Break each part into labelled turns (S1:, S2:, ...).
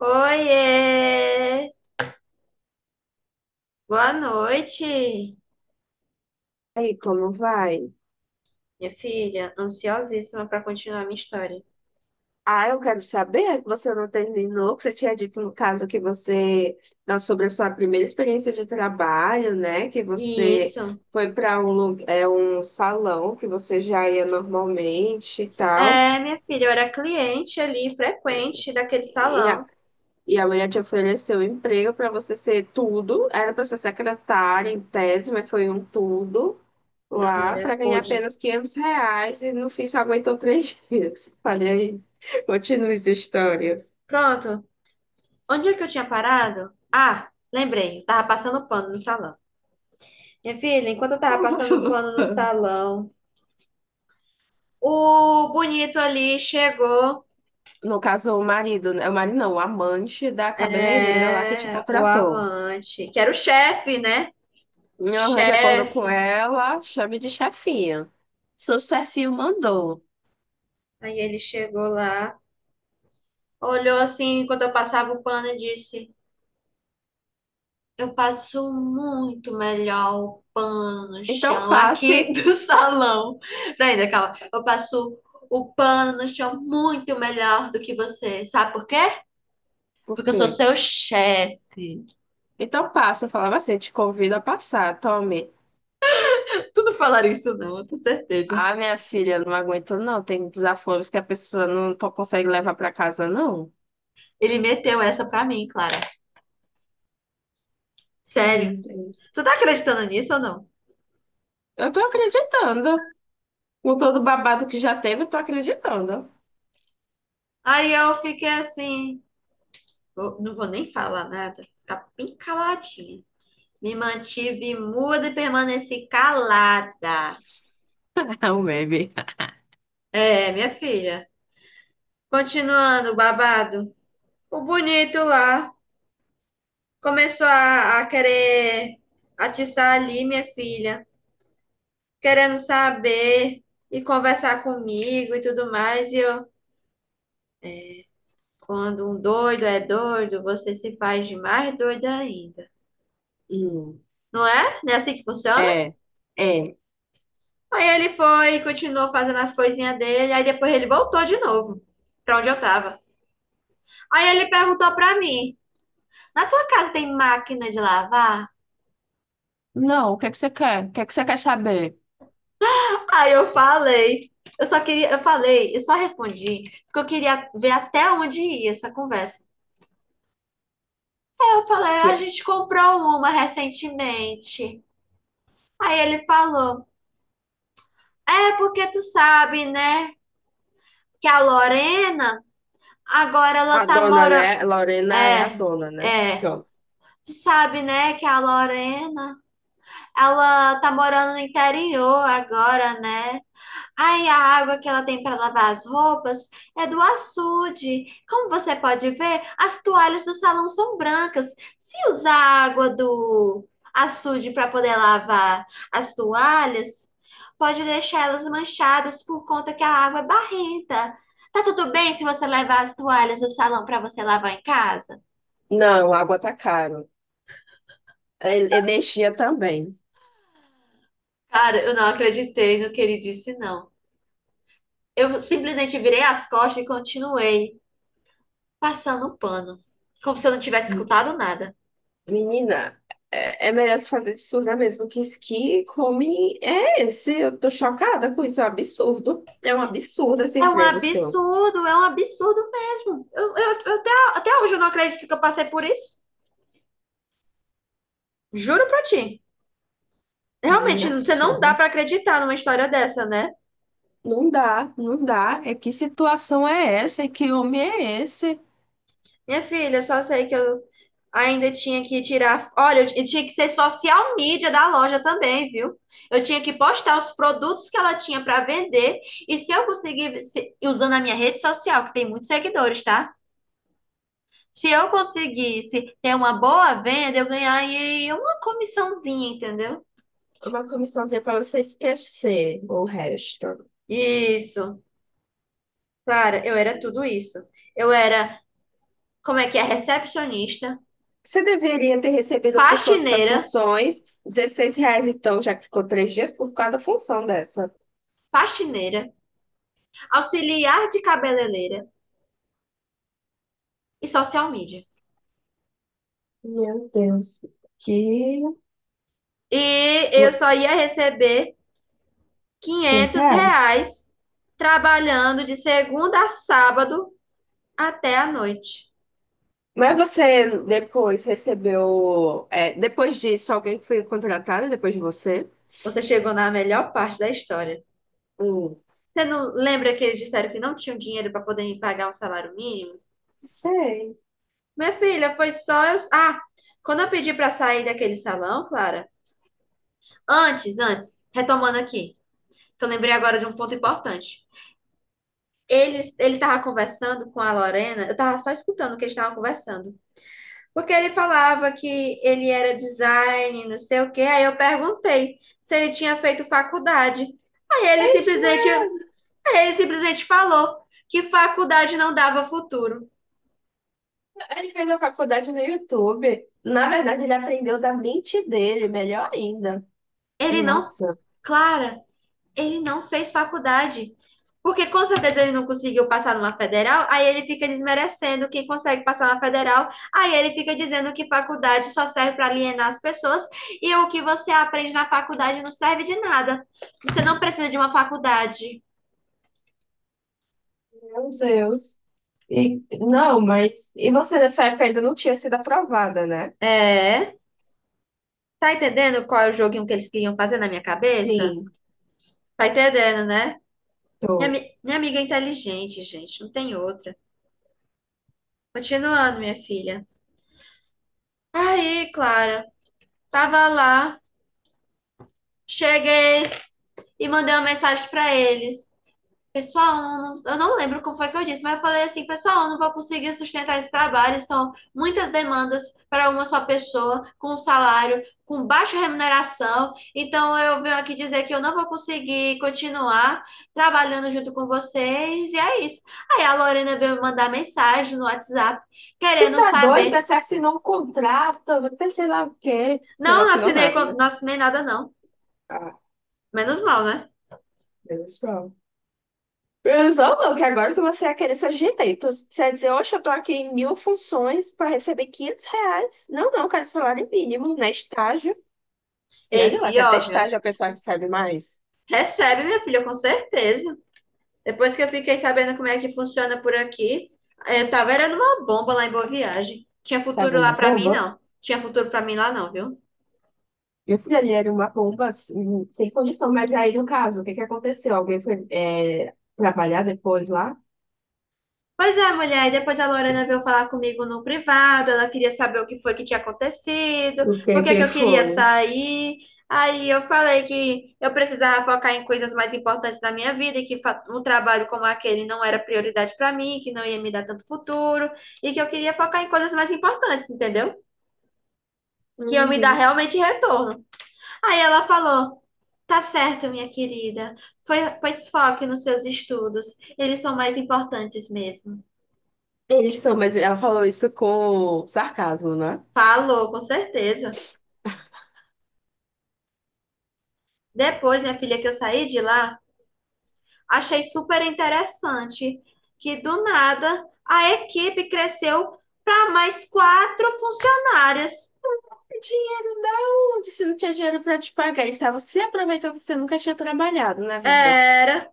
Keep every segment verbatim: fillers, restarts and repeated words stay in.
S1: Oiê! Boa noite,
S2: Aí, como vai?
S1: minha filha. Ansiosíssima para continuar minha história.
S2: Ah, eu quero saber que você não terminou, que você tinha dito no caso que você, na- sobre a sua primeira experiência de trabalho, né? Que você
S1: Isso.
S2: foi para um, lu- é, um salão que você já ia normalmente e tal.
S1: É, minha filha, eu era cliente ali, frequente daquele
S2: E a,
S1: salão.
S2: e a mulher te ofereceu emprego para você ser tudo. Era para ser secretária em tese, mas foi um tudo
S1: Não,
S2: lá
S1: mulher,
S2: para ganhar
S1: pôde.
S2: apenas quinhentos reais e no fim só aguentou três dias. Falei aí, continua essa história.
S1: Pronto. Onde é que eu tinha parado? Ah, lembrei. Eu tava passando pano no salão. Minha filha, enquanto eu tava
S2: Você
S1: passando
S2: não
S1: pano no
S2: tá.
S1: salão, o bonito ali chegou.
S2: No caso, o marido, né? O marido não, o amante da cabeleireira lá que te
S1: É, o
S2: contratou.
S1: amante, que era o chefe, né?
S2: Eu arranjo acordo com
S1: Chefe.
S2: ela, chame de chefinha. Seu chefinho mandou.
S1: Aí ele chegou lá, olhou assim quando eu passava o pano e disse: eu passo muito melhor o pano no
S2: Então
S1: chão aqui
S2: passe.
S1: do salão. Peraí, ainda, calma. Eu passo o pano no chão muito melhor do que você. Sabe por quê?
S2: Por
S1: Porque eu
S2: quê?
S1: sou seu chefe.
S2: Então passa. Eu falava assim, te convido a passar, tome.
S1: Tu não falaria isso, não, eu tenho certeza.
S2: Ah, minha filha, não aguento não. Tem desaforos que a pessoa não po- consegue levar para casa, não.
S1: Ele meteu essa pra mim, Clara.
S2: Meu
S1: Sério.
S2: Deus.
S1: Tu tá acreditando nisso ou não?
S2: Eu tô acreditando. Com todo o babado que já teve, eu tô acreditando.
S1: Aí eu fiquei assim. vou- Não vou nem falar nada, ficar bem caladinha. Me mantive muda e permaneci calada.
S2: É um meme.
S1: É, minha filha. Continuando, o babado. O bonito lá começou a, a querer atiçar ali, minha filha, querendo saber e conversar comigo e tudo mais. E eu, quando um doido é doido, você se faz de mais doida ainda. Não é? Não é assim que funciona?
S2: É, é.
S1: Aí ele foi e continuou fazendo as coisinhas dele. Aí depois ele voltou de novo pra onde eu tava. Aí ele perguntou pra mim: na tua casa tem máquina de lavar?
S2: Não, o que é que você quer? O que é que você quer saber?
S1: Aí eu falei. Eu só queria, eu falei, eu só respondi, porque eu queria ver até onde ia essa conversa. Aí eu falei: "Ah, a
S2: E
S1: gente comprou uma recentemente." Aí ele falou: é porque tu sabe, né, que a Lorena agora ela
S2: a
S1: tá
S2: dona,
S1: morando.
S2: né? Lorena é a
S1: É,
S2: dona, né?
S1: é.
S2: Pronto.
S1: Tu sabe, né, que a Lorena ela tá morando no interior agora, né? Ai, a água que ela tem para lavar as roupas é do açude. Como você pode ver, as toalhas do salão são brancas. Se usar a água do açude para poder lavar as toalhas, pode deixar elas manchadas por conta que a água é barrenta. Tá tudo bem se você levar as toalhas do salão para você lavar em casa?
S2: Não, água tá caro. E- Energia também.
S1: Cara, eu não acreditei no que ele disse, não. Eu simplesmente virei as costas e continuei passando o pano, como se eu não tivesse escutado nada.
S2: Menina, é, é melhor se fazer de surda mesmo, que isso que come é esse. Eu tô chocada com isso, é um absurdo. É um absurdo esse
S1: É um
S2: emprego seu.
S1: absurdo, é um absurdo mesmo. Eu, eu- eu até, até hoje eu não acredito que eu passei por isso. Juro pra ti. Realmente,
S2: Minha
S1: você não dá
S2: filha,
S1: pra acreditar numa história dessa, né?
S2: não dá, não dá. É que situação é essa? É que homem é esse?
S1: Minha filha, eu só sei que eu ainda tinha que tirar. Olha, eu tinha que ser social media da loja também, viu? Eu tinha que postar os produtos que ela tinha pra vender. E se eu conseguisse, usando a minha rede social, que tem muitos seguidores, tá? Se eu conseguisse ter uma boa venda, eu ganharia uma comissãozinha, entendeu?
S2: Uma comissãozinha para você esquecer o resto.
S1: Isso. Cara, eu era tudo isso. Eu era, como é que é? Recepcionista,
S2: Você deveria ter recebido por todas as
S1: faxineira,
S2: funções dezesseis reais, então, já que ficou três dias por cada função dessa.
S1: faxineira, auxiliar de cabeleireira e social media.
S2: Meu Deus, que...
S1: E eu só ia receber
S2: 500
S1: quinhentos
S2: reais?
S1: reais trabalhando de segunda a sábado até a noite.
S2: Mas você depois recebeu. É, depois disso, alguém foi contratado depois de você?
S1: Você chegou na melhor parte da história.
S2: Hum,
S1: Você não lembra que eles disseram que não tinham dinheiro para poder me pagar um salário mínimo?
S2: sei.
S1: Minha filha, foi só eu. Ah, quando eu pedi para sair daquele salão, Clara. Antes, antes, retomando aqui, que eu lembrei agora de um ponto importante. Eles, ele estava conversando com a Lorena, eu estava só escutando o que eles estavam conversando. Porque ele falava que ele era design, não sei o quê. Aí eu perguntei se ele tinha feito faculdade. Aí ele
S2: Mas,
S1: simplesmente,
S2: né,
S1: aí ele simplesmente falou que faculdade não dava futuro.
S2: ele fez a faculdade no YouTube. Na verdade, ele aprendeu da mente dele, melhor ainda.
S1: Ele não,
S2: Nossa,
S1: Clara, ele não fez faculdade. Porque com certeza ele não conseguiu passar numa federal, aí ele fica desmerecendo quem consegue passar na federal, aí ele fica dizendo que faculdade só serve para alienar as pessoas e o que você aprende na faculdade não serve de nada. Você não precisa de uma faculdade.
S2: meu Deus. E, não, mas. E você nessa época ainda não tinha sido aprovada, né?
S1: É, tá entendendo qual é o joguinho que eles queriam fazer na minha cabeça?
S2: Sim,
S1: Tá entendendo, né? Minha,
S2: tô.
S1: ami- minha amiga é inteligente, gente, não tem outra. Continuando, minha filha. Aí, Clara, tava lá, cheguei. E mandei uma mensagem pra eles. Pessoal, eu não, eu não lembro como foi que eu disse, mas eu falei assim: pessoal, eu não vou conseguir sustentar esse trabalho, são muitas demandas para uma só pessoa, com um salário, com baixa remuneração, então eu venho aqui dizer que eu não vou conseguir continuar trabalhando junto com vocês, e é isso. Aí a Lorena veio me mandar mensagem no WhatsApp,
S2: Tu
S1: querendo
S2: tá doida?
S1: saber.
S2: Você assinou um contrato, você sei lá o quê. Você não
S1: Não, não
S2: assinou
S1: assinei,
S2: nada,
S1: con-
S2: né?
S1: não assinei nada, não.
S2: Ah,
S1: Menos mal, né?
S2: menos mal. Menos mal não, que agora que você ia querer seus direitos. Você ia dizer, oxe, eu tô aqui em mil funções pra receber quinhentos reais. Não, não, eu quero salário mínimo, né? Estágio. E
S1: Ei,
S2: olha lá, que até
S1: pior, viu?
S2: estágio a pessoa recebe mais.
S1: Recebe, minha filha, com certeza. Depois que eu fiquei sabendo como é que funciona por aqui, eu tava era numa bomba lá em Boa Viagem. Tinha
S2: Tava
S1: futuro lá
S2: uma
S1: pra mim,
S2: bomba.
S1: não. Tinha futuro pra mim lá, não, viu?
S2: Meu filho, ali era uma bomba assim, sem condição, mas aí no caso, o que que aconteceu? Alguém foi é, trabalhar depois lá?
S1: Pois é, mulher. E depois a Lorena veio falar comigo no privado. Ela queria saber o que foi que tinha acontecido,
S2: O que
S1: por que
S2: que
S1: que eu queria
S2: foi?
S1: sair. Aí eu falei que eu precisava focar em coisas mais importantes da minha vida e que fa- um trabalho como aquele não era prioridade pra mim, que não ia me dar tanto futuro e que eu queria focar em coisas mais importantes, entendeu? Que eu me dar
S2: Uhum.
S1: realmente retorno. Aí ela falou: tá certo, minha querida. Foi- Pois foque nos seus estudos. Eles são mais importantes mesmo.
S2: Eles são, mas ela falou isso com sarcasmo, né?
S1: Falou, com certeza. Depois, minha filha, que eu saí de lá, achei super interessante que do nada a equipe cresceu para mais quatro funcionárias.
S2: Dinheiro não, disse não tinha dinheiro para te pagar, estava se aproveitando que você nunca tinha trabalhado na vida.
S1: Era,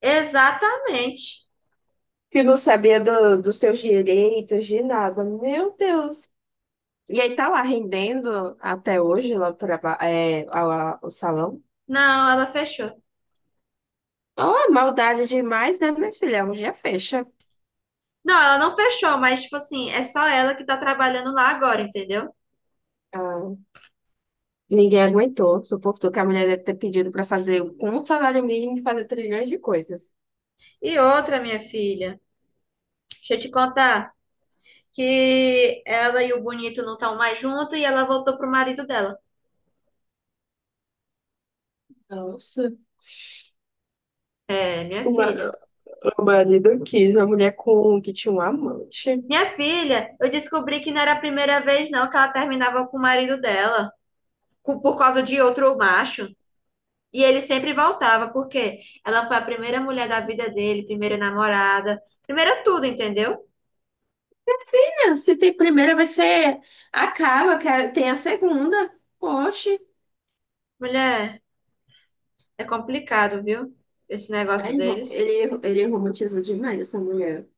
S1: exatamente.
S2: Que não sabia do, dos seus direitos, de nada. Meu Deus. E aí tá lá rendendo até hoje lá o traba- é, a- a- o salão.
S1: Não, ela fechou.
S2: Oh, maldade demais, né, minha filha? Um dia fecha.
S1: Não, ela não fechou, mas, tipo assim, é só ela que tá trabalhando lá agora, entendeu?
S2: Ah, ninguém aguentou, suportou que a mulher deve ter pedido para fazer com um salário mínimo fazer trilhões de coisas.
S1: E outra, minha filha. Deixa eu te contar que ela e o bonito não estão mais juntos e ela voltou pro marido dela.
S2: Nossa,
S1: É, minha
S2: o ma-
S1: filha.
S2: o marido quis uma mulher com que tinha um amante.
S1: Minha filha, eu descobri que não era a primeira vez não que ela terminava com o marido dela, co- por causa de outro macho. E ele sempre voltava, porque ela foi a primeira mulher da vida dele, primeira namorada, primeira tudo, entendeu?
S2: É, se tem primeira, vai ser. Acaba, que a- tem a segunda. Poxa.
S1: Mulher, é complicado, viu? Esse negócio
S2: Aí Ele, ro-
S1: deles.
S2: ele, ele romantizou demais essa mulher.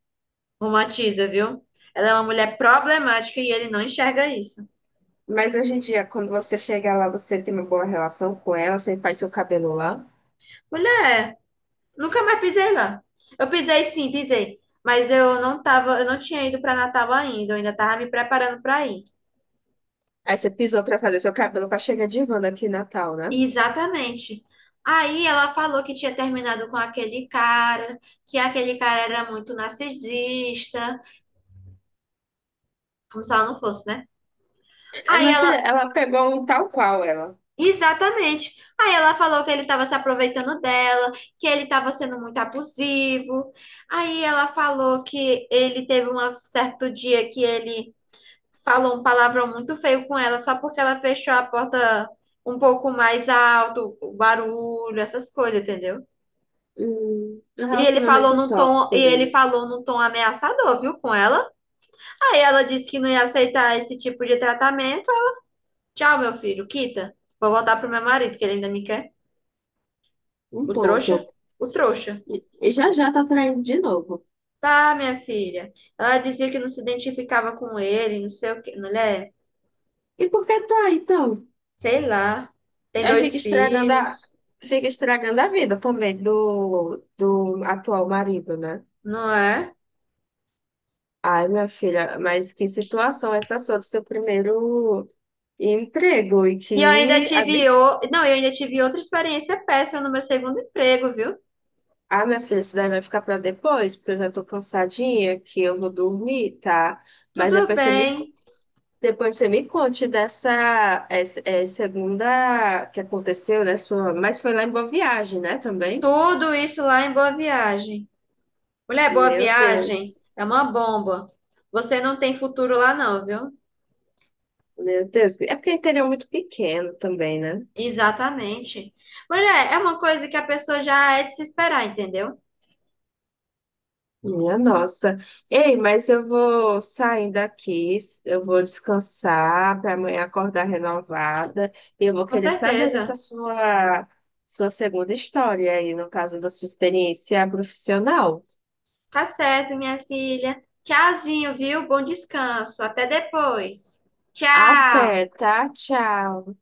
S1: Romantiza, viu? Ela é uma mulher problemática e ele não enxerga isso.
S2: Mas hoje em dia, quando você chega lá, você tem uma boa relação com ela, você faz seu cabelo lá.
S1: Mulher, nunca mais pisei lá. Eu pisei sim, pisei. Mas eu não tava, eu não tinha ido para Natal ainda, eu ainda tava me preparando para ir.
S2: Aí você pisou pra fazer seu cabelo pra chegar de Wanda aqui em Natal, né?
S1: Exatamente. Aí ela falou que tinha terminado com aquele cara, que aquele cara era muito narcisista, como se ela não fosse, né?
S2: É,
S1: Aí
S2: minha filha,
S1: ela,
S2: ela pegou um tal qual ela.
S1: exatamente. Aí ela falou que ele estava se aproveitando dela, que ele estava sendo muito abusivo. Aí ela falou que ele teve um certo dia que ele falou um palavrão muito feio com ela só porque ela fechou a porta um pouco mais alto, o barulho, essas coisas, entendeu?
S2: Um, um
S1: E ele falou
S2: relacionamento
S1: num tom, e
S2: tóxico
S1: ele
S2: deles.
S1: falou num tom ameaçador, viu, com ela. Aí ela disse que não ia aceitar esse tipo de tratamento. Tchau, meu filho, quita. Vou voltar pro meu marido, que ele ainda me quer.
S2: Um
S1: O trouxa?
S2: tonto.
S1: O trouxa.
S2: E, e já já tá traindo de novo.
S1: Tá, minha filha. Ela dizia que não se identificava com ele, não sei o quê. Mulher,
S2: E por que tá, então?
S1: sei lá. Tem
S2: Aí fica
S1: dois
S2: estragando a,
S1: filhos,
S2: fica estragando a vida também do, do atual marido, né?
S1: não é?
S2: Ai, minha filha, mas que situação essa sua do seu primeiro emprego? E
S1: E eu ainda
S2: que
S1: tive,
S2: absurdo.
S1: o... não, eu ainda tive outra experiência péssima no meu segundo emprego, viu?
S2: Ah, minha filha, isso daí vai ficar para depois, porque eu já tô cansadinha, que eu vou dormir, tá? Mas
S1: Tudo
S2: depois você me, co-
S1: bem,
S2: depois você me conte dessa essa, é, segunda que aconteceu, né? Sua, mas foi lá em Boa Viagem, né, também?
S1: tudo isso lá em Boa Viagem. Mulher, Boa
S2: Meu Deus,
S1: Viagem é uma bomba. Você não tem futuro lá não, viu?
S2: meu Deus. É porque o interior é muito pequeno também, né?
S1: Exatamente. Mulher, é uma coisa que a pessoa já é de se esperar, entendeu?
S2: Minha nossa. Ei, mas eu vou saindo aqui, eu vou descansar para amanhã acordar renovada. E eu vou
S1: Com
S2: querer saber
S1: certeza.
S2: dessa sua, sua segunda história aí, no caso da sua experiência profissional.
S1: Tá certo, minha filha. Tchauzinho, viu? Bom descanso. Até depois. Tchau.
S2: Até, tá? Tchau.